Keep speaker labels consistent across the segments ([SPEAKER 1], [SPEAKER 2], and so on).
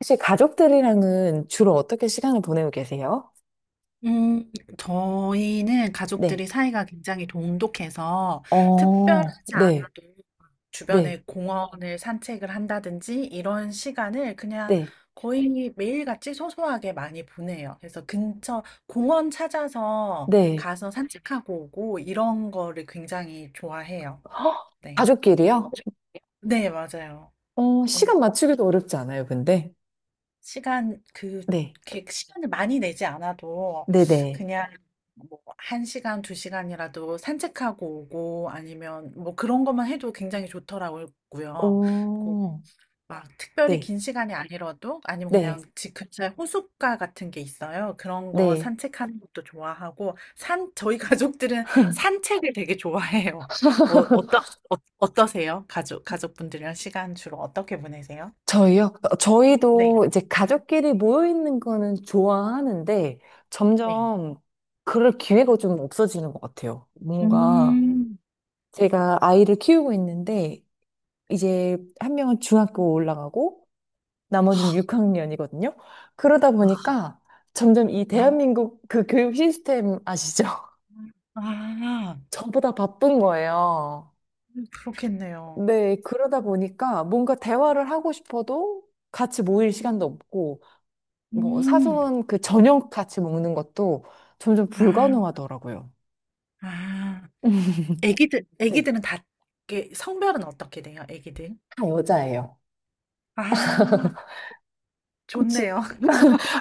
[SPEAKER 1] 혹시 가족들이랑은 주로 어떻게 시간을 보내고 계세요?
[SPEAKER 2] 음 저희는
[SPEAKER 1] 네.
[SPEAKER 2] 가족들이 사이가 굉장히 돈독해서
[SPEAKER 1] 어,
[SPEAKER 2] 특별하지
[SPEAKER 1] 네,
[SPEAKER 2] 않아도
[SPEAKER 1] 네,
[SPEAKER 2] 주변에 공원을 산책을 한다든지 이런 시간을 그냥
[SPEAKER 1] 네,
[SPEAKER 2] 거의 매일같이 소소하게 많이 보내요. 그래서 근처 공원 찾아서
[SPEAKER 1] 네.
[SPEAKER 2] 가서 산책하고 오고 이런 거를 굉장히 좋아해요. 네.
[SPEAKER 1] 가족끼리요?
[SPEAKER 2] 네, 맞아요. 어,
[SPEAKER 1] 시간 맞추기도 어렵지 않아요, 근데.
[SPEAKER 2] 시간 그
[SPEAKER 1] 네,
[SPEAKER 2] 이렇게 시간을 많이 내지 않아도
[SPEAKER 1] 네네.
[SPEAKER 2] 그냥 뭐 1시간, 2시간이라도 산책하고 오고 아니면 뭐 그런 것만 해도 굉장히 좋더라고요. 그리고
[SPEAKER 1] 오,
[SPEAKER 2] 막 특별히
[SPEAKER 1] 네,
[SPEAKER 2] 긴 시간이 아니라도 아니면
[SPEAKER 1] 네,
[SPEAKER 2] 그냥 집 근처에 호숫가 같은 게 있어요. 그런 거
[SPEAKER 1] 네.
[SPEAKER 2] 산책하는 것도 좋아하고 산 저희 가족들은 산책을 되게 좋아해요. 어, 어떠, 어떠세요? 가족분들이랑 시간 주로 어떻게 보내세요?
[SPEAKER 1] 저희요?
[SPEAKER 2] 네.
[SPEAKER 1] 저희도 이제 가족끼리 모여 있는 거는 좋아하는데
[SPEAKER 2] 네.
[SPEAKER 1] 점점 그럴 기회가 좀 없어지는 것 같아요. 뭔가
[SPEAKER 2] 음,
[SPEAKER 1] 제가 아이를 키우고 있는데 이제 한 명은 중학교 올라가고 나머지는 6학년이거든요. 그러다 보니까 점점 이
[SPEAKER 2] 아,
[SPEAKER 1] 대한민국 그 교육 시스템 아시죠?
[SPEAKER 2] 아,
[SPEAKER 1] 저보다 바쁜 거예요.
[SPEAKER 2] 그렇겠네요.
[SPEAKER 1] 네, 그러다 보니까 뭔가 대화를 하고 싶어도 같이 모일 시간도 없고, 뭐
[SPEAKER 2] 음,
[SPEAKER 1] 사소한 그 저녁 같이 먹는 것도 점점
[SPEAKER 2] 아,
[SPEAKER 1] 불가능하더라고요.
[SPEAKER 2] 아. 애기들,
[SPEAKER 1] 네,
[SPEAKER 2] 애기들은 다, 이게 성별은 어떻게 돼요, 애기들?
[SPEAKER 1] 다 여자예요.
[SPEAKER 2] 아,
[SPEAKER 1] 혹시,
[SPEAKER 2] 좋네요.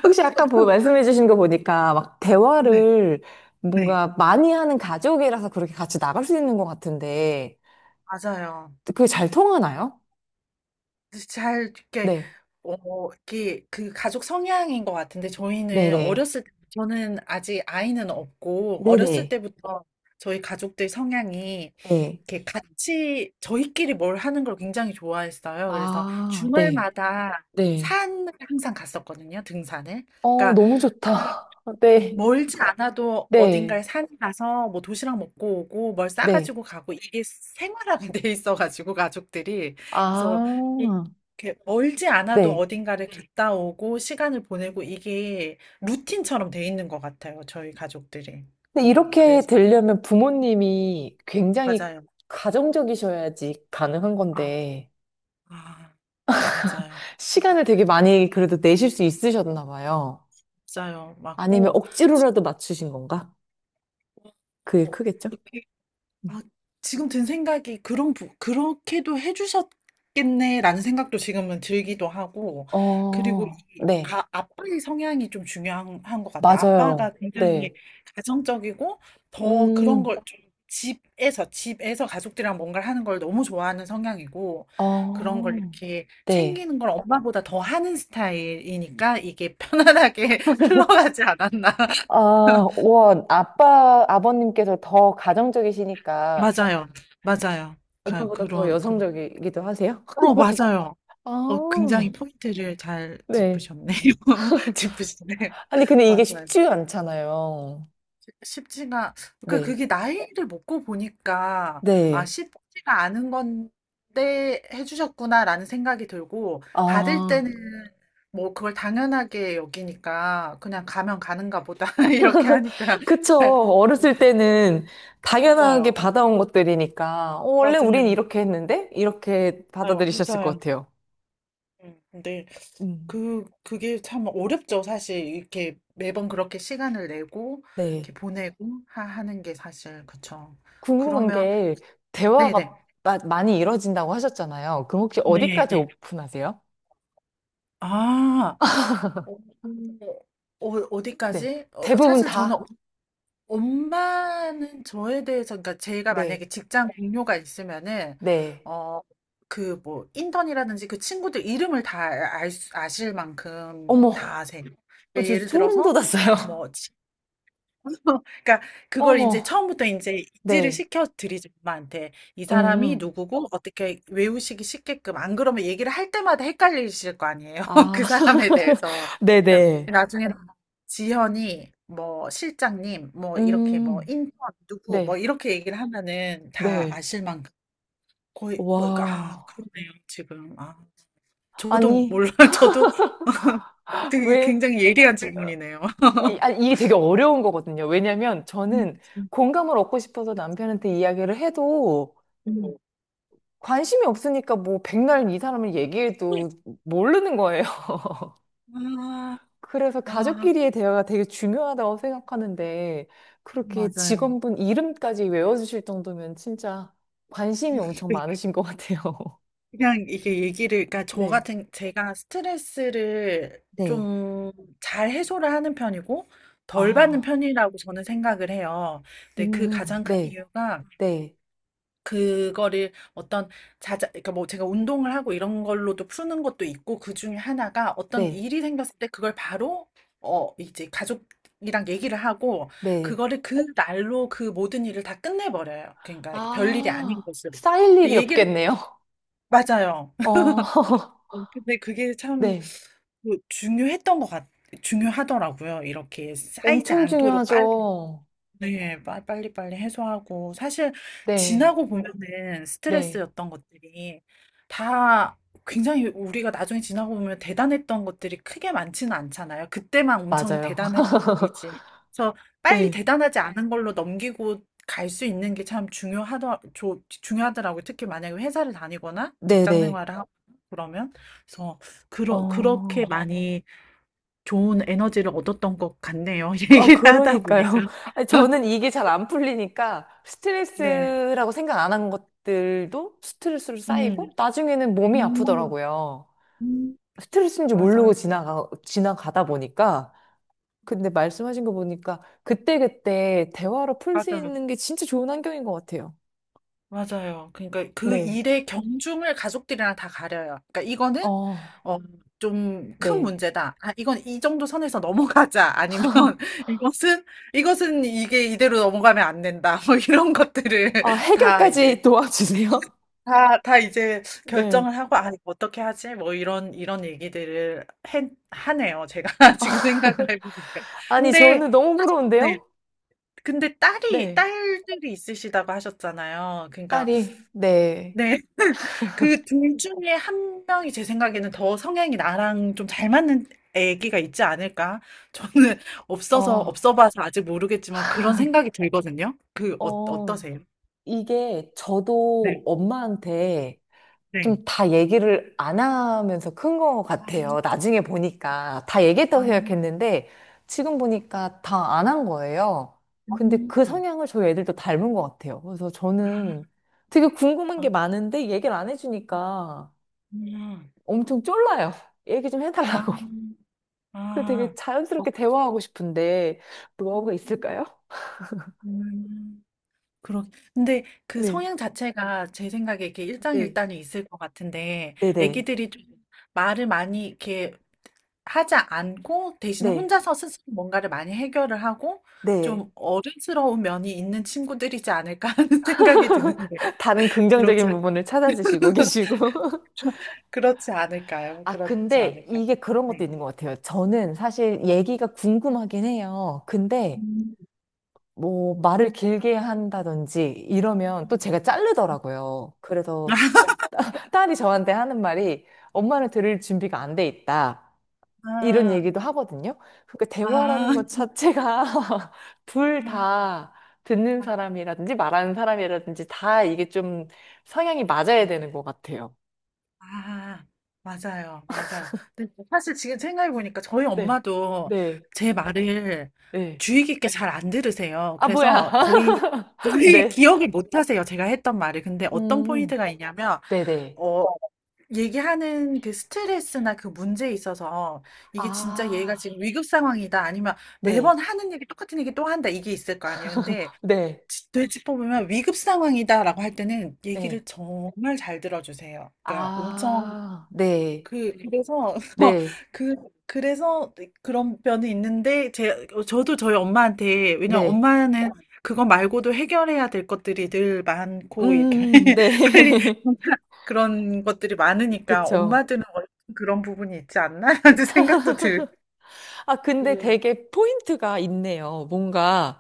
[SPEAKER 1] 혹시 아까 말씀해 주신 거 보니까 막
[SPEAKER 2] 네,
[SPEAKER 1] 대화를
[SPEAKER 2] 네.
[SPEAKER 1] 뭔가 많이 하는 가족이라서 그렇게 같이 나갈 수 있는 것 같은데,
[SPEAKER 2] 맞아요.
[SPEAKER 1] 그게 잘 통하나요?
[SPEAKER 2] 잘, 이렇게,
[SPEAKER 1] 네.
[SPEAKER 2] 이렇게, 그 가족 성향인 것 같은데, 저희는
[SPEAKER 1] 네네.
[SPEAKER 2] 어렸을 때, 저는 아직 아이는 없고, 어렸을
[SPEAKER 1] 네네.
[SPEAKER 2] 때부터 저희 가족들 성향이
[SPEAKER 1] 네.
[SPEAKER 2] 이렇게 같이 저희끼리 뭘 하는 걸 굉장히 좋아했어요. 그래서
[SPEAKER 1] 아, 네.
[SPEAKER 2] 주말마다
[SPEAKER 1] 네.
[SPEAKER 2] 산을 항상 갔었거든요, 등산을.
[SPEAKER 1] 어,
[SPEAKER 2] 그러니까
[SPEAKER 1] 너무
[SPEAKER 2] 그
[SPEAKER 1] 좋다. 네.
[SPEAKER 2] 멀지 않아도
[SPEAKER 1] 네.
[SPEAKER 2] 어딘가에 산에 가서 뭐 도시락 먹고 오고 뭘
[SPEAKER 1] 네.
[SPEAKER 2] 싸가지고 가고 이게 생활화가 돼 있어가지고 가족들이 그래서 이-
[SPEAKER 1] 아,
[SPEAKER 2] 이렇게 멀지 않아도
[SPEAKER 1] 네.
[SPEAKER 2] 어딘가를 갔다 오고 시간을 보내고 이게 루틴처럼 돼 있는 것 같아요, 저희 가족들이.
[SPEAKER 1] 근데
[SPEAKER 2] 그,
[SPEAKER 1] 이렇게
[SPEAKER 2] 그래서
[SPEAKER 1] 되려면 부모님이 굉장히
[SPEAKER 2] 맞아요.
[SPEAKER 1] 가정적이셔야지 가능한
[SPEAKER 2] 아,
[SPEAKER 1] 건데,
[SPEAKER 2] 아, 맞아요.
[SPEAKER 1] 시간을 되게 많이 그래도 내실 수 있으셨나 봐요.
[SPEAKER 2] 맞아요.
[SPEAKER 1] 아니면
[SPEAKER 2] 맞고, 지-
[SPEAKER 1] 억지로라도 맞추신 건가? 그게
[SPEAKER 2] 어,
[SPEAKER 1] 크겠죠?
[SPEAKER 2] 이렇게,
[SPEAKER 1] 음.
[SPEAKER 2] 아, 지금 든 생각이 그런, 그렇게도 해주셨겠네라는 생각도 지금은 들기도 하고, 그리고
[SPEAKER 1] 어, 네.
[SPEAKER 2] 아빠의 성향이 좀 중요한 한것 같아요. 아빠가
[SPEAKER 1] 맞아요.
[SPEAKER 2] 굉장히
[SPEAKER 1] 네.
[SPEAKER 2] 가정적이고, 더 그런
[SPEAKER 1] 음.
[SPEAKER 2] 걸 좀 집에서, 가족들이랑 뭔가를 하는 걸 너무 좋아하는 성향이고, 그런 걸
[SPEAKER 1] 어,
[SPEAKER 2] 이렇게
[SPEAKER 1] 네.
[SPEAKER 2] 챙기는 걸 엄마보다 더 하는 스타일이니까 이게 편안하게 흘러가지 않았나.
[SPEAKER 1] 아, 와, 아빠, 아버님께서 더 가정적이시니까
[SPEAKER 2] 맞아요. 맞아요. 가,
[SPEAKER 1] 엄마보다 더
[SPEAKER 2] 그런, 그런.
[SPEAKER 1] 여성적이기도 하세요?
[SPEAKER 2] 맞아요. 굉장히
[SPEAKER 1] 아,
[SPEAKER 2] 포인트를 잘
[SPEAKER 1] 네.
[SPEAKER 2] 짚으셨네요. 짚으시네.
[SPEAKER 1] 아니, 근데 이게
[SPEAKER 2] 맞아요.
[SPEAKER 1] 쉽지 않잖아요.
[SPEAKER 2] 쉽지가, 그,
[SPEAKER 1] 네.
[SPEAKER 2] 그게 나이를 먹고 보니까,
[SPEAKER 1] 네.
[SPEAKER 2] 쉽지가 않은 건데 해주셨구나라는 생각이 들고, 받을
[SPEAKER 1] 아,
[SPEAKER 2] 때는 뭐 그걸 당연하게 여기니까, 그냥 가면 가는가 보다, 이렇게 하니까.
[SPEAKER 1] 그쵸. 어렸을 때는 당연하게
[SPEAKER 2] 맞아요.
[SPEAKER 1] 받아온 것들이니까, 어, 원래 우린
[SPEAKER 2] 맞아요.
[SPEAKER 1] 이렇게 했는데? 이렇게
[SPEAKER 2] 맞아요.
[SPEAKER 1] 받아들이셨을 것
[SPEAKER 2] 맞아요.
[SPEAKER 1] 같아요.
[SPEAKER 2] 네.
[SPEAKER 1] 음.
[SPEAKER 2] 그게 참 어렵죠. 사실 이렇게 매번 그렇게 시간을 내고 이렇게
[SPEAKER 1] 네
[SPEAKER 2] 보내고 하는 게 사실 그쵸.
[SPEAKER 1] 궁금한
[SPEAKER 2] 그러면
[SPEAKER 1] 게
[SPEAKER 2] 네네.
[SPEAKER 1] 대화가 많이 이루어진다고 하셨잖아요. 그럼 혹시
[SPEAKER 2] 네,
[SPEAKER 1] 어디까지
[SPEAKER 2] 네.
[SPEAKER 1] 오픈하세요?
[SPEAKER 2] 아, 어,
[SPEAKER 1] 네.
[SPEAKER 2] 어디까지?
[SPEAKER 1] 대부분
[SPEAKER 2] 사실 저는
[SPEAKER 1] 다?
[SPEAKER 2] 엄마는 저에 대해서, 그러니까 제가
[SPEAKER 1] 네.
[SPEAKER 2] 만약에 직장 동료가 있으면은,
[SPEAKER 1] 네.
[SPEAKER 2] 어, 그 뭐, 인턴이라든지 그 친구들 이름을 다 아실 만큼 다
[SPEAKER 1] 어머.
[SPEAKER 2] 아세요.
[SPEAKER 1] 어,
[SPEAKER 2] 그러니까
[SPEAKER 1] 저
[SPEAKER 2] 예를
[SPEAKER 1] 소름
[SPEAKER 2] 들어서,
[SPEAKER 1] 돋았어요.
[SPEAKER 2] 뭐, 그러니까 그걸 이제
[SPEAKER 1] 어머.
[SPEAKER 2] 처음부터 인제 인지를
[SPEAKER 1] 네.
[SPEAKER 2] 시켜 드리죠, 엄마한테. 이 사람이
[SPEAKER 1] 음.
[SPEAKER 2] 누구고 어떻게 외우시기 쉽게끔. 안 그러면 얘기를 할 때마다 헷갈리실 거 아니에요,
[SPEAKER 1] 아.
[SPEAKER 2] 그 사람에 대해서. 그러니까
[SPEAKER 1] 네네.
[SPEAKER 2] 나중에 지현이 뭐 실장님 뭐 이렇게 뭐
[SPEAKER 1] 음.
[SPEAKER 2] 인턴 누구 뭐
[SPEAKER 1] 네.
[SPEAKER 2] 이렇게 얘기를 하면은 다
[SPEAKER 1] 네.
[SPEAKER 2] 아실 만큼 거의 뭐 아
[SPEAKER 1] 와.
[SPEAKER 2] 그러네요, 지금. 아 저도
[SPEAKER 1] 아니,
[SPEAKER 2] 몰라요. 저도 되게
[SPEAKER 1] 왜?
[SPEAKER 2] 굉장히 예리한 질문이네요.
[SPEAKER 1] 이게 되게 어려운 거거든요. 왜냐면
[SPEAKER 2] 음.
[SPEAKER 1] 저는 공감을 얻고 싶어서 남편한테 이야기를 해도
[SPEAKER 2] 음.
[SPEAKER 1] 관심이 없으니까 뭐 백날 이 사람을
[SPEAKER 2] 음.
[SPEAKER 1] 얘기해도 모르는 거예요.
[SPEAKER 2] 아.
[SPEAKER 1] 그래서
[SPEAKER 2] 아.
[SPEAKER 1] 가족끼리의 대화가 되게 중요하다고 생각하는데 그렇게
[SPEAKER 2] 맞아요.
[SPEAKER 1] 직원분 이름까지 외워주실 정도면 진짜 관심이 엄청
[SPEAKER 2] 그-
[SPEAKER 1] 많으신 것 같아요.
[SPEAKER 2] 그냥 이게 얘기를, 그러니까 저
[SPEAKER 1] 네.
[SPEAKER 2] 같은, 제가 스트레스를
[SPEAKER 1] 네.
[SPEAKER 2] 좀 잘 해소를 하는 편이고, 덜 받는
[SPEAKER 1] 아,
[SPEAKER 2] 편이라고 저는 생각을 해요. 근데 그 가장 큰
[SPEAKER 1] 네,
[SPEAKER 2] 이유가,
[SPEAKER 1] 네,
[SPEAKER 2] 그거를 어떤 자자, 그러니까 뭐 제가 운동을 하고 이런 걸로도 푸는 것도 있고, 그 중에 하나가 어떤
[SPEAKER 1] 네,
[SPEAKER 2] 일이 생겼을 때 그걸 바로, 이제 가족이랑 얘기를 하고,
[SPEAKER 1] 네.
[SPEAKER 2] 그거를 그 날로 그 모든 일을 다 끝내버려요. 그러니까 별일이 아닌
[SPEAKER 1] 아,
[SPEAKER 2] 것으로.
[SPEAKER 1] 쌓일
[SPEAKER 2] 근데
[SPEAKER 1] 일이
[SPEAKER 2] 얘기를
[SPEAKER 1] 없겠네요.
[SPEAKER 2] 맞아요.
[SPEAKER 1] 어,
[SPEAKER 2] 근데 그게 참
[SPEAKER 1] 네.
[SPEAKER 2] 그 중요했던 것 같 중요하더라고요. 이렇게 쌓이지
[SPEAKER 1] 엄청
[SPEAKER 2] 않도록 빨리
[SPEAKER 1] 중요하죠.
[SPEAKER 2] 네, 빨리빨리 해소하고. 사실,
[SPEAKER 1] 네,
[SPEAKER 2] 지나고 보면은
[SPEAKER 1] 네.
[SPEAKER 2] 스트레스였던 것들이 다 굉장히 우리가 나중에 지나고 보면 대단했던 것들이 크게 많지는 않잖아요. 그때만 엄청
[SPEAKER 1] 맞아요.
[SPEAKER 2] 대단했던 일이지. 그래서 빨리
[SPEAKER 1] 네,
[SPEAKER 2] 대단하지 않은 걸로 넘기고 갈 수 있는 게 참 중요하더라고요. 특히 만약에 회사를 다니거나
[SPEAKER 1] 네,
[SPEAKER 2] 직장
[SPEAKER 1] 네.
[SPEAKER 2] 생활을 하고 그러면. 그래서, 그렇게
[SPEAKER 1] 어,
[SPEAKER 2] 많이 좋은 에너지를 얻었던 것 같네요. 얘기를 하다 보니까.
[SPEAKER 1] 그러니까요. 아니, 저는 이게 잘 안 풀리니까
[SPEAKER 2] 네.
[SPEAKER 1] 스트레스라고 생각 안 한 것들도 스트레스로
[SPEAKER 2] 음.
[SPEAKER 1] 쌓이고 나중에는 몸이
[SPEAKER 2] 음.
[SPEAKER 1] 아프더라고요.
[SPEAKER 2] 음.
[SPEAKER 1] 스트레스인지 모르고
[SPEAKER 2] 맞아요.
[SPEAKER 1] 지나가다 보니까. 근데 말씀하신 거 보니까 그때그때 대화로 풀 수
[SPEAKER 2] 맞아요.
[SPEAKER 1] 있는 게 진짜 좋은 환경인 것 같아요.
[SPEAKER 2] 맞아요. 그러니까 그
[SPEAKER 1] 네.
[SPEAKER 2] 일의 경중을 가족들이랑 다 가려요. 그러니까 이거는
[SPEAKER 1] 어,
[SPEAKER 2] 어, 좀 큰
[SPEAKER 1] 네.
[SPEAKER 2] 문제다. 아, 이건 이 정도 선에서 넘어가자. 아니면 이것은 이것은 이게 이대로 넘어가면 안 된다. 뭐 이런 것들을
[SPEAKER 1] 아,
[SPEAKER 2] 다 이제
[SPEAKER 1] 해결까지 도와주세요.
[SPEAKER 2] 다 이제
[SPEAKER 1] 네.
[SPEAKER 2] 결정을 하고 아, 이거 어떻게 하지? 뭐 이런 얘기들을 하네요. 제가 지금 생각을 해보니까.
[SPEAKER 1] 아니,
[SPEAKER 2] 근데
[SPEAKER 1] 저는 너무
[SPEAKER 2] 네.
[SPEAKER 1] 부러운데요?
[SPEAKER 2] 근데 딸이
[SPEAKER 1] 네.
[SPEAKER 2] 딸들이 있으시다고 하셨잖아요. 그러니까
[SPEAKER 1] 딸이, 네.
[SPEAKER 2] 네. 그 둘 중에 한 명이 제 생각에는 더 성향이 나랑 좀 잘 맞는 애기가 있지 않을까? 저는 없어서
[SPEAKER 1] 어.
[SPEAKER 2] 없어 봐서 아직 모르겠지만 그런 생각이 들거든요.
[SPEAKER 1] 어,
[SPEAKER 2] 어떠세요?
[SPEAKER 1] 이게 저도
[SPEAKER 2] 네.
[SPEAKER 1] 엄마한테 좀
[SPEAKER 2] 네.
[SPEAKER 1] 다 얘기를 안 하면서 큰 것
[SPEAKER 2] 아.
[SPEAKER 1] 같아요. 나중에 보니까. 다
[SPEAKER 2] 아.
[SPEAKER 1] 얘기했다고 생각했는데, 지금 보니까 다 안 한 거예요. 근데 그
[SPEAKER 2] 음.
[SPEAKER 1] 성향을 저희 애들도 닮은 것 같아요. 그래서 저는 되게 궁금한
[SPEAKER 2] 아. 아.
[SPEAKER 1] 게 많은데, 얘기를 안 해주니까 엄청 쫄라요. 얘기 좀
[SPEAKER 2] 아.
[SPEAKER 1] 해달라고.
[SPEAKER 2] 아.
[SPEAKER 1] 그래서 되게
[SPEAKER 2] 아. 어.
[SPEAKER 1] 자연스럽게 대화하고 싶은데, 노하우가 있을까요?
[SPEAKER 2] 음. 그렇 근데 그
[SPEAKER 1] 네.
[SPEAKER 2] 성향 자체가 제 생각에 이렇게
[SPEAKER 1] 네.
[SPEAKER 2] 일장일단이 있을 것 같은데
[SPEAKER 1] 네네.
[SPEAKER 2] 애기들이 좀 말을 많이 이렇게 하지 않고 대신
[SPEAKER 1] 네.
[SPEAKER 2] 혼자서 스스로 뭔가를 많이 해결을 하고
[SPEAKER 1] 네.
[SPEAKER 2] 좀 어른스러운 면이 있는 친구들이지 않을까 하는 생각이 드는데
[SPEAKER 1] 다른
[SPEAKER 2] 그렇지
[SPEAKER 1] 긍정적인
[SPEAKER 2] 않
[SPEAKER 1] 부분을 찾아주시고 계시고.
[SPEAKER 2] 좀 그렇지 않을까요?
[SPEAKER 1] 아,
[SPEAKER 2] 그렇지
[SPEAKER 1] 근데
[SPEAKER 2] 않을까요?
[SPEAKER 1] 이게 그런 것도
[SPEAKER 2] 네.
[SPEAKER 1] 있는 것 같아요. 저는 사실 얘기가 궁금하긴 해요. 근데
[SPEAKER 2] 음.
[SPEAKER 1] 뭐 말을 길게 한다든지 이러면 또 제가
[SPEAKER 2] 음.
[SPEAKER 1] 자르더라고요. 그래서
[SPEAKER 2] 아,
[SPEAKER 1] 딸이 저한테 하는 말이 엄마는 들을 준비가 안 돼 있다. 이런 얘기도 하거든요. 그러니까
[SPEAKER 2] 아,
[SPEAKER 1] 대화라는
[SPEAKER 2] 아.
[SPEAKER 1] 것 자체가 둘 다 듣는 사람이라든지 말하는 사람이라든지 다 이게 좀 성향이
[SPEAKER 2] 아.
[SPEAKER 1] 맞아야 되는 것 같아요.
[SPEAKER 2] 아, 맞아요. 맞아요. 근데 뭐 사실 지금 생각해 보니까 저희
[SPEAKER 1] 네,
[SPEAKER 2] 엄마도
[SPEAKER 1] 네,
[SPEAKER 2] 제 말을
[SPEAKER 1] 네.
[SPEAKER 2] 주의 깊게 잘 안 들으세요.
[SPEAKER 1] 아, 뭐야.
[SPEAKER 2] 그래서 거의 거의
[SPEAKER 1] 네.
[SPEAKER 2] 기억을 못 하세요. 제가 했던 말을. 근데 어떤
[SPEAKER 1] 음,
[SPEAKER 2] 포인트가 있냐면
[SPEAKER 1] 네네.
[SPEAKER 2] 어 얘기하는 그 스트레스나 그 문제에 있어서 이게 진짜 얘가
[SPEAKER 1] 아,
[SPEAKER 2] 지금 위급 상황이다 아니면 매번
[SPEAKER 1] 네,
[SPEAKER 2] 하는 얘기 똑같은 얘기 또 한다 이게 있을 거 아니에요. 근데
[SPEAKER 1] 네,
[SPEAKER 2] 되짚어보면 위급 상황이다라고 할 때는
[SPEAKER 1] 네.
[SPEAKER 2] 얘기를 정말 잘 들어주세요. 그러니까 엄청
[SPEAKER 1] 아, 네,
[SPEAKER 2] 그래서
[SPEAKER 1] 네,
[SPEAKER 2] 그 그래서 네 그런 면이 있는데 제 어 저도 저희 엄마한테 왜냐면
[SPEAKER 1] 네.
[SPEAKER 2] 엄마는 그거 말고도 해결해야 될 것들이 늘 많고 이렇게
[SPEAKER 1] 네.
[SPEAKER 2] 빨리 그런 것들이 많으니까
[SPEAKER 1] 그쵸.
[SPEAKER 2] 엄마들은 원래 그런 부분이 있지 않나? 라는 생각도 들고
[SPEAKER 1] 아, 근데 되게 포인트가 있네요. 뭔가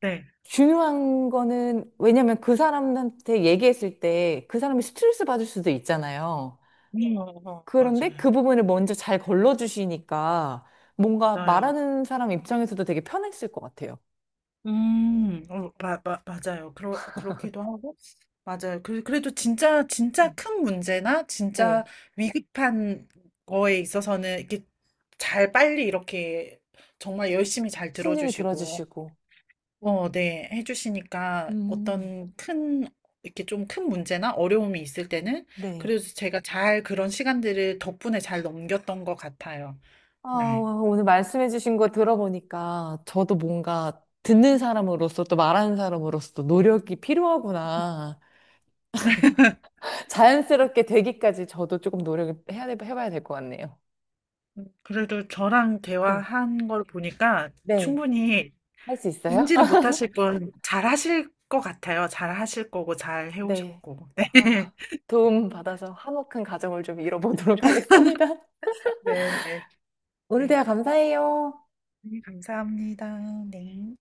[SPEAKER 2] 네.
[SPEAKER 1] 중요한 거는, 왜냐면 그 사람한테 얘기했을 때 그 사람이 스트레스 받을 수도 있잖아요. 그런데 그
[SPEAKER 2] 맞아요.
[SPEAKER 1] 부분을 먼저 잘 걸러주시니까 뭔가
[SPEAKER 2] 맞아요.
[SPEAKER 1] 말하는 사람 입장에서도 되게 편했을 것 같아요.
[SPEAKER 2] 맞아요. 그렇기도 하고, 맞아요. 그래도 진짜, 진짜
[SPEAKER 1] 네.
[SPEAKER 2] 큰 문제나, 진짜
[SPEAKER 1] 네.
[SPEAKER 2] 위급한 거에 있어서는 이렇게 잘 빨리 이렇게 정말 열심히 잘
[SPEAKER 1] 신중히
[SPEAKER 2] 들어주시고,
[SPEAKER 1] 들어주시고.
[SPEAKER 2] 네, 해주시니까
[SPEAKER 1] 음.
[SPEAKER 2] 어떤 큰, 이렇게 좀 큰 문제나 어려움이 있을 때는,
[SPEAKER 1] 네.
[SPEAKER 2] 그래도 제가 잘 그런 시간들을 덕분에 잘 넘겼던 것 같아요.
[SPEAKER 1] 아,
[SPEAKER 2] 네.
[SPEAKER 1] 와, 오늘 말씀해주신 거 들어보니까 저도 뭔가 듣는 사람으로서 또 말하는 사람으로서 노력이 필요하구나. 자연스럽게 되기까지 저도 조금 노력을 해야, 해봐야 될 것 같네요.
[SPEAKER 2] 그래도 저랑
[SPEAKER 1] 네.
[SPEAKER 2] 대화한 걸 보니까
[SPEAKER 1] 네.
[SPEAKER 2] 충분히
[SPEAKER 1] 할 수 있어요?
[SPEAKER 2] 인지는 못하실 분 잘하실 것 같아요. 잘하실 거고 잘
[SPEAKER 1] 네.
[SPEAKER 2] 해오셨고.
[SPEAKER 1] 아, 도움 받아서 화목한 가정을 좀 이뤄보도록 하겠습니다.
[SPEAKER 2] 네, 네, 네.
[SPEAKER 1] 오늘
[SPEAKER 2] 네,
[SPEAKER 1] 대화 감사해요.
[SPEAKER 2] 네, 감사합니다. 네.